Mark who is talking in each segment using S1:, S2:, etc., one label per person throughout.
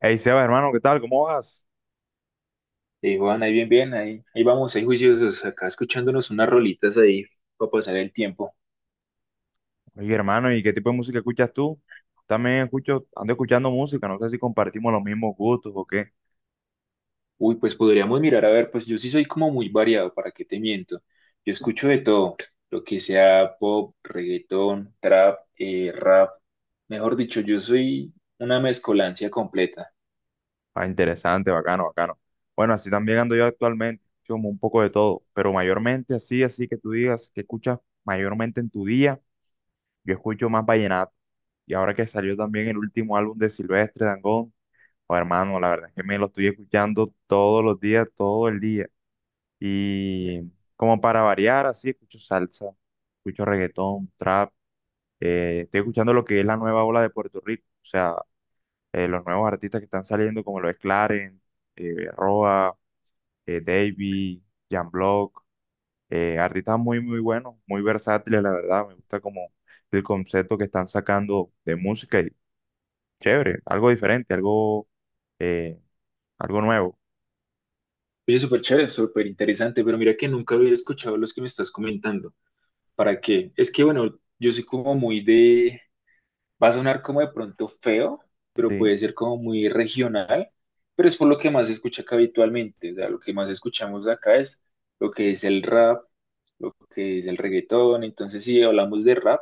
S1: Hey Sebas, hermano, ¿qué tal? ¿Cómo vas?
S2: Sí, Juan, ahí bien, bien, ahí, ahí vamos, ahí juiciosos, acá escuchándonos unas rolitas ahí para pasar el tiempo.
S1: Oye, hermano, ¿y qué tipo de música escuchas tú? También escucho, ando escuchando música, no sé si compartimos los mismos gustos o qué.
S2: Uy, pues podríamos mirar, a ver, pues yo sí soy como muy variado, ¿para qué te miento? Yo escucho de todo, lo que sea pop, reggaetón, trap, rap, mejor dicho, yo soy una mezcolancia completa.
S1: Ah, interesante, bacano, bacano. Bueno, así también ando yo actualmente, escucho como un poco de todo, pero mayormente así, así que tú digas que escuchas mayormente en tu día, yo escucho más vallenato. Y ahora que salió también el último álbum de Silvestre Dangond, oh, hermano, la verdad es que me lo estoy escuchando todos los días, todo el día. Y como para variar, así escucho salsa, escucho reggaetón, trap. Estoy escuchando lo que es la nueva ola de Puerto Rico, o sea, los nuevos artistas que están saliendo, como lo es Clarence, Roa, Davy, Jan Block, artistas muy, muy buenos, muy versátiles, la verdad. Me gusta como el concepto que están sacando de música y chévere, algo diferente, algo, eh, algo nuevo.
S2: Oye, súper chévere, súper interesante, pero mira que nunca había escuchado los que me estás comentando. ¿Para qué? Es que, bueno, yo soy como muy de... Va a sonar como de pronto feo, pero
S1: Sí.
S2: puede ser como muy regional, pero es por lo que más se escucha acá habitualmente. O sea, lo que más escuchamos acá es lo que es el rap, lo que es el reggaetón. Entonces, si hablamos de rap,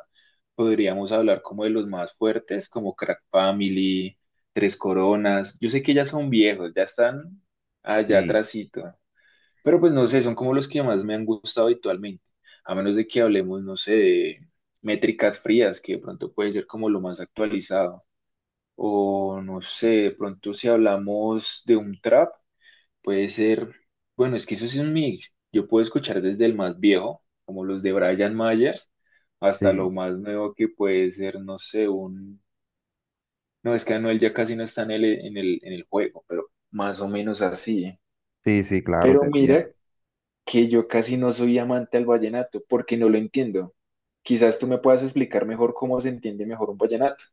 S2: podríamos hablar como de los más fuertes, como Crack Family, Tres Coronas. Yo sé que ya son viejos, ya están allá
S1: Sí,
S2: atrásito. Pero pues no sé, son como los que más me han gustado habitualmente, a menos de que hablemos, no sé, de métricas frías, que de pronto puede ser como lo más actualizado, o no sé, de pronto si hablamos de un trap, puede ser, bueno, es que eso sí es un mix, yo puedo escuchar desde el más viejo, como los de Brian Myers, hasta lo
S1: sí,
S2: más nuevo que puede ser, no sé, un, no, es que Anuel ya casi no está en el juego, pero más o menos así, ¿eh?
S1: sí, sí, claro, te
S2: Pero
S1: entiendo.
S2: mira que yo casi no soy amante al vallenato porque no lo entiendo. Quizás tú me puedas explicar mejor cómo se entiende mejor un vallenato.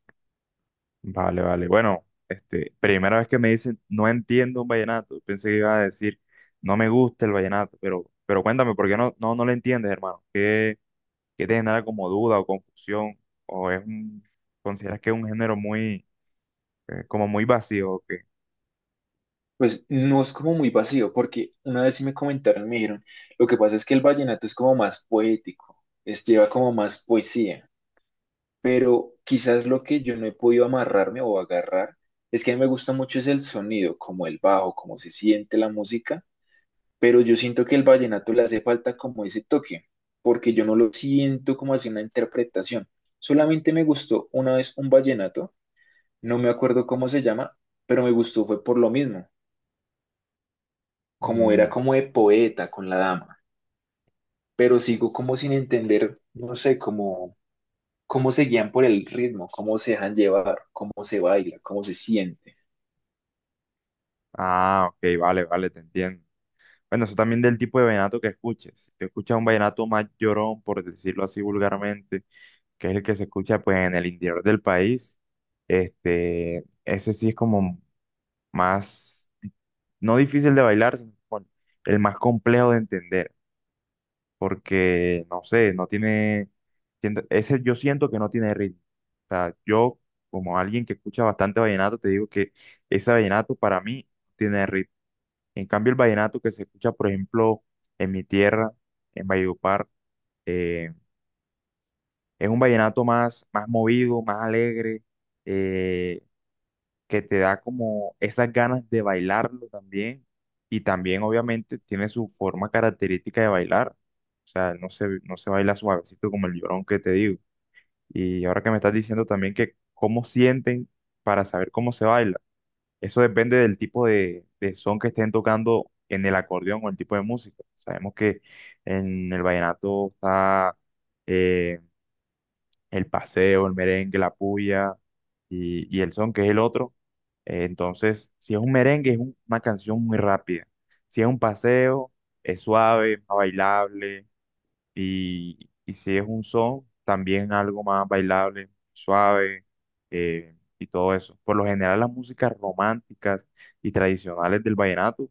S1: Vale, vale. Bueno, este, primera vez que me dicen no entiendo un vallenato. Pensé que iba a decir no me gusta el vallenato, pero cuéntame, ¿por qué no lo entiendes, hermano? ¿Qué, qué te genera como duda o confusión? ¿O es un, consideras que es un género muy, como muy vacío? ¿O qué?
S2: Pues no es como muy vacío, porque una vez sí me comentaron, me dijeron, lo que pasa es que el vallenato es como más poético, es, lleva como más poesía, pero quizás lo que yo no he podido amarrarme o agarrar es que a mí me gusta mucho es el sonido, como el bajo, cómo se siente la música, pero yo siento que el vallenato le hace falta como ese toque, porque yo no lo siento como así una interpretación. Solamente me gustó una vez un vallenato, no me acuerdo cómo se llama, pero me gustó fue por lo mismo, como era
S1: Mm.
S2: como de poeta con la dama, pero sigo como sin entender, no sé, cómo se guían por el ritmo, cómo se dejan llevar, cómo se baila, cómo se siente.
S1: Ah, ok, vale, vale, te entiendo. Bueno, eso también del tipo de vallenato que escuches. Si te escuchas un vallenato más llorón, por decirlo así vulgarmente, que es el que se escucha pues en el interior del país. Este, ese sí es como más, no difícil de bailar, sino bueno, el más complejo de entender, porque no sé, no tiene, ese yo siento que no tiene ritmo. O sea, yo como alguien que escucha bastante vallenato, te digo que ese vallenato para mí tiene ritmo. En cambio, el vallenato que se escucha, por ejemplo, en mi tierra, en Valledupar, eh, es un vallenato más, más movido, más alegre. eh, que te da como esas ganas de bailarlo también y también obviamente tiene su forma característica de bailar, o sea, no se baila suavecito como el llorón que te digo. Y ahora que me estás diciendo también que cómo sienten para saber cómo se baila, eso depende del tipo de son que estén tocando en el acordeón o el tipo de música. Sabemos que en el vallenato está... eh, el paseo, el merengue, la puya y el son, que es el otro. Entonces, si es un merengue, una canción muy rápida. Si es un paseo, es suave, más bailable. Y si es un son, también algo más bailable, suave y todo eso. Por lo general, las músicas románticas y tradicionales del vallenato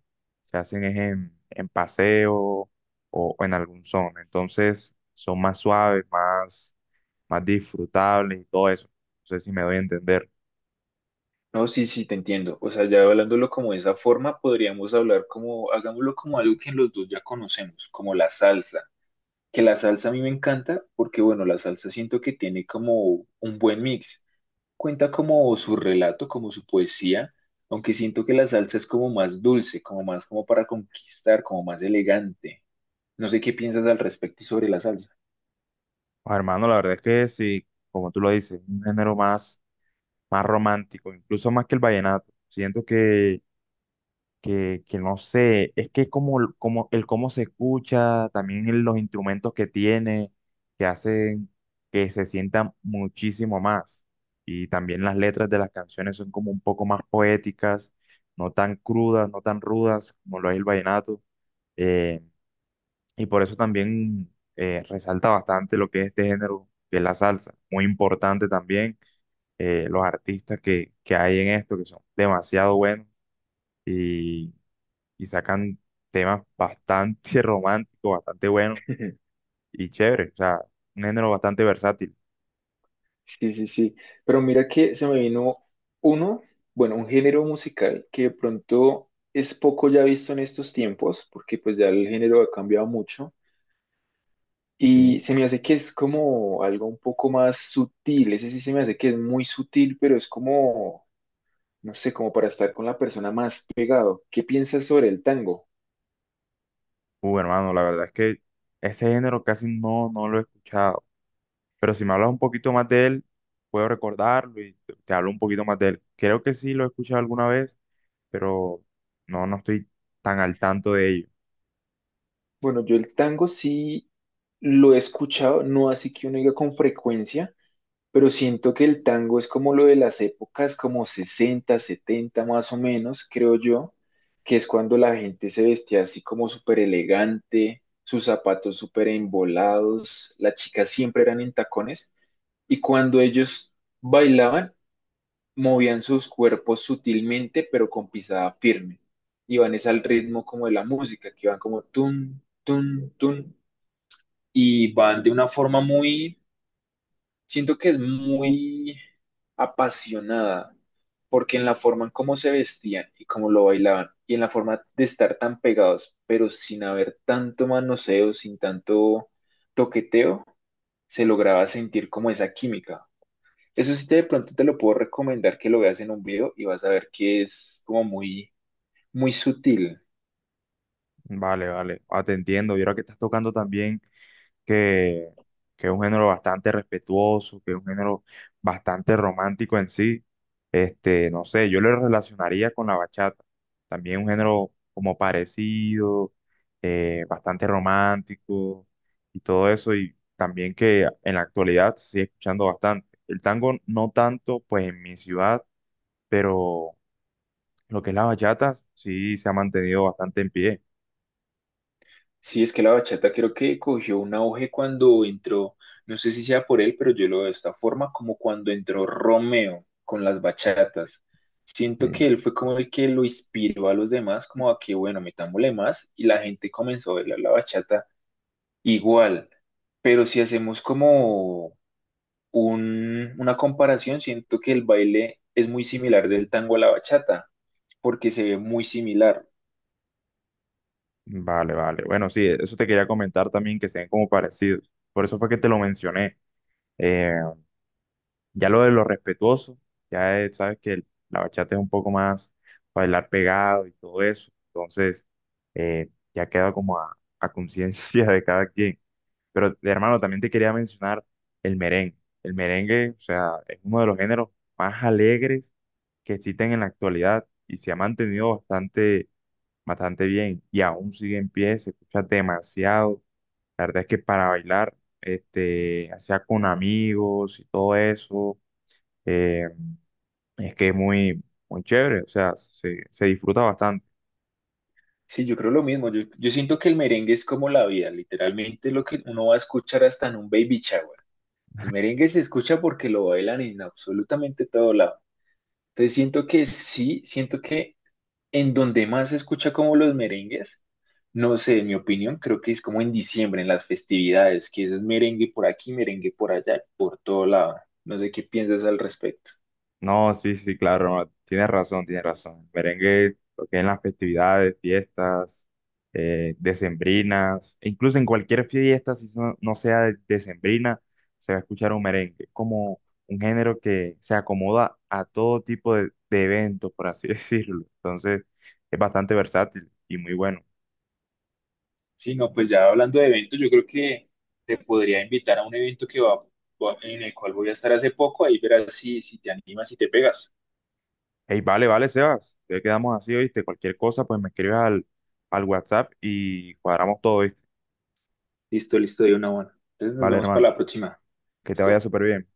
S1: se hacen es en paseo o en algún son. Entonces, son más suaves, más más disfrutables y todo eso. No sé si me doy a entender.
S2: No, sí, sí, te entiendo. O sea, ya hablándolo como de esa forma, podríamos hablar como, hagámoslo como algo que los dos ya conocemos, como la salsa que la salsa a mí me encanta porque, bueno, la salsa siento que tiene como un buen mix. Cuenta como su relato, como su poesía, aunque siento que la salsa es como más dulce, como más como para conquistar, como más elegante. No sé qué piensas al respecto y sobre la salsa.
S1: Ah, hermano, la verdad es que sí, como tú lo dices, un género más, más romántico, incluso más que el vallenato. Siento que no sé, es que como, como el cómo se escucha, también los instrumentos que tiene, que hacen que se sienta muchísimo más. Y también las letras de las canciones son como un poco más poéticas, no tan crudas, no tan rudas como lo es el vallenato. Eh, Y por eso también resalta bastante lo que es este género, que es la salsa. Muy importante también, los artistas que hay en esto, que son demasiado buenos y, y sacan temas bastante románticos, bastante buenos y chéveres. O sea, un género bastante versátil,
S2: Sí, sí, sí. Pero mira que se me vino uno, bueno, un género musical que de pronto es poco ya visto en estos tiempos, porque pues ya el género ha cambiado mucho. Y
S1: ¿sí?
S2: se me hace que es como algo un poco más sutil, ese sí se me hace que es muy sutil, pero es como, no sé, como para estar con la persona más pegado. ¿Qué piensas sobre el tango?
S1: Hermano, la verdad es que ese género casi no lo he escuchado. Pero si me hablas un poquito más de él, puedo recordarlo y te hablo un poquito más de él. Creo que sí lo he escuchado alguna vez, pero no, no estoy tan al tanto de ello.
S2: Bueno, yo el tango sí lo he escuchado, no así que uno diga con frecuencia, pero siento que el tango es como lo de las épocas, como 60 70 más o menos, creo yo, que es cuando la gente se vestía así como súper elegante, sus zapatos súper embolados, las chicas siempre eran en tacones. Y cuando ellos bailaban, movían sus cuerpos sutilmente, pero con pisada firme. Iban es al ritmo como de la música, que van como tun, tun, tun, y van de una forma muy, siento que es muy apasionada, porque en la forma en cómo se vestían y cómo lo bailaban, y en la forma de estar tan pegados, pero sin haber tanto manoseo, sin tanto toqueteo, se lograba sentir como esa química. Eso sí, te, de pronto te lo puedo recomendar que lo veas en un video y vas a ver que es como muy, muy sutil.
S1: Vale, vale, ah, te entiendo. Y ahora que estás tocando también que, que es un género bastante respetuoso, que es un género bastante romántico en sí, este, no sé, yo lo relacionaría con la bachata. También un género como parecido, bastante romántico y todo eso, y también que en la actualidad se sigue escuchando bastante. El tango no tanto, pues en mi ciudad, pero lo que es la bachata, sí se ha mantenido bastante en pie.
S2: Sí, es que la bachata creo que cogió un auge cuando entró, no sé si sea por él, pero yo lo veo de esta forma, como cuando entró Romeo con las bachatas. Siento que
S1: Sí.
S2: él fue como el que lo inspiró a los demás, como a que, bueno, metámosle más, y la gente comenzó a bailar la bachata igual. Pero si hacemos como una comparación, siento que el baile es muy similar del tango a la bachata, porque se ve muy similar.
S1: Vale, vale. Bueno, sí, eso te quería comentar también, que se ven como parecidos. Por eso fue que te lo mencioné. Eh, ya lo de lo respetuoso, sabes que la bachata es un poco más bailar pegado y todo eso. Entonces, ya queda como a conciencia de cada quien. Pero hermano, también te quería mencionar el merengue. El merengue, o sea, es uno de los géneros más alegres que existen en la actualidad y se ha mantenido bastante, bastante bien y aún sigue en pie, se escucha demasiado. La verdad es que para bailar, este, ya sea con amigos y todo eso, eh, es que es muy, muy chévere, o sea, se disfruta bastante.
S2: Sí, yo creo lo mismo. Yo siento que el merengue es como la vida, literalmente lo que uno va a escuchar hasta en un baby shower. El merengue se escucha porque lo bailan en absolutamente todo lado. Entonces siento que sí, siento que en donde más se escucha como los merengues, no sé, en mi opinión, creo que es como en diciembre, en las festividades, que eso es merengue por aquí, merengue por allá, por todo lado. No sé qué piensas al respecto.
S1: No, sí, sí, claro, tienes razón, tienes razón. Merengue, lo que es en las festividades, fiestas, decembrinas, e incluso en cualquier fiesta, no sea decembrina, se va a escuchar un merengue, como un género que se acomoda a todo tipo de eventos, por así decirlo. Entonces, es bastante versátil y muy bueno.
S2: Sí, no, pues ya hablando de eventos, yo creo que te podría invitar a un evento que en el cual voy a estar hace poco, ahí verás si, si te animas y te pegas.
S1: Hey, vale, vale, Sebas, ya quedamos así, ¿oíste? Cualquier cosa, pues me escribes al, al WhatsApp y cuadramos todo, ¿oíste?
S2: Listo, listo, de una buena. Entonces nos
S1: Vale,
S2: vemos para
S1: hermano,
S2: la próxima.
S1: que te vaya
S2: Listo.
S1: súper bien.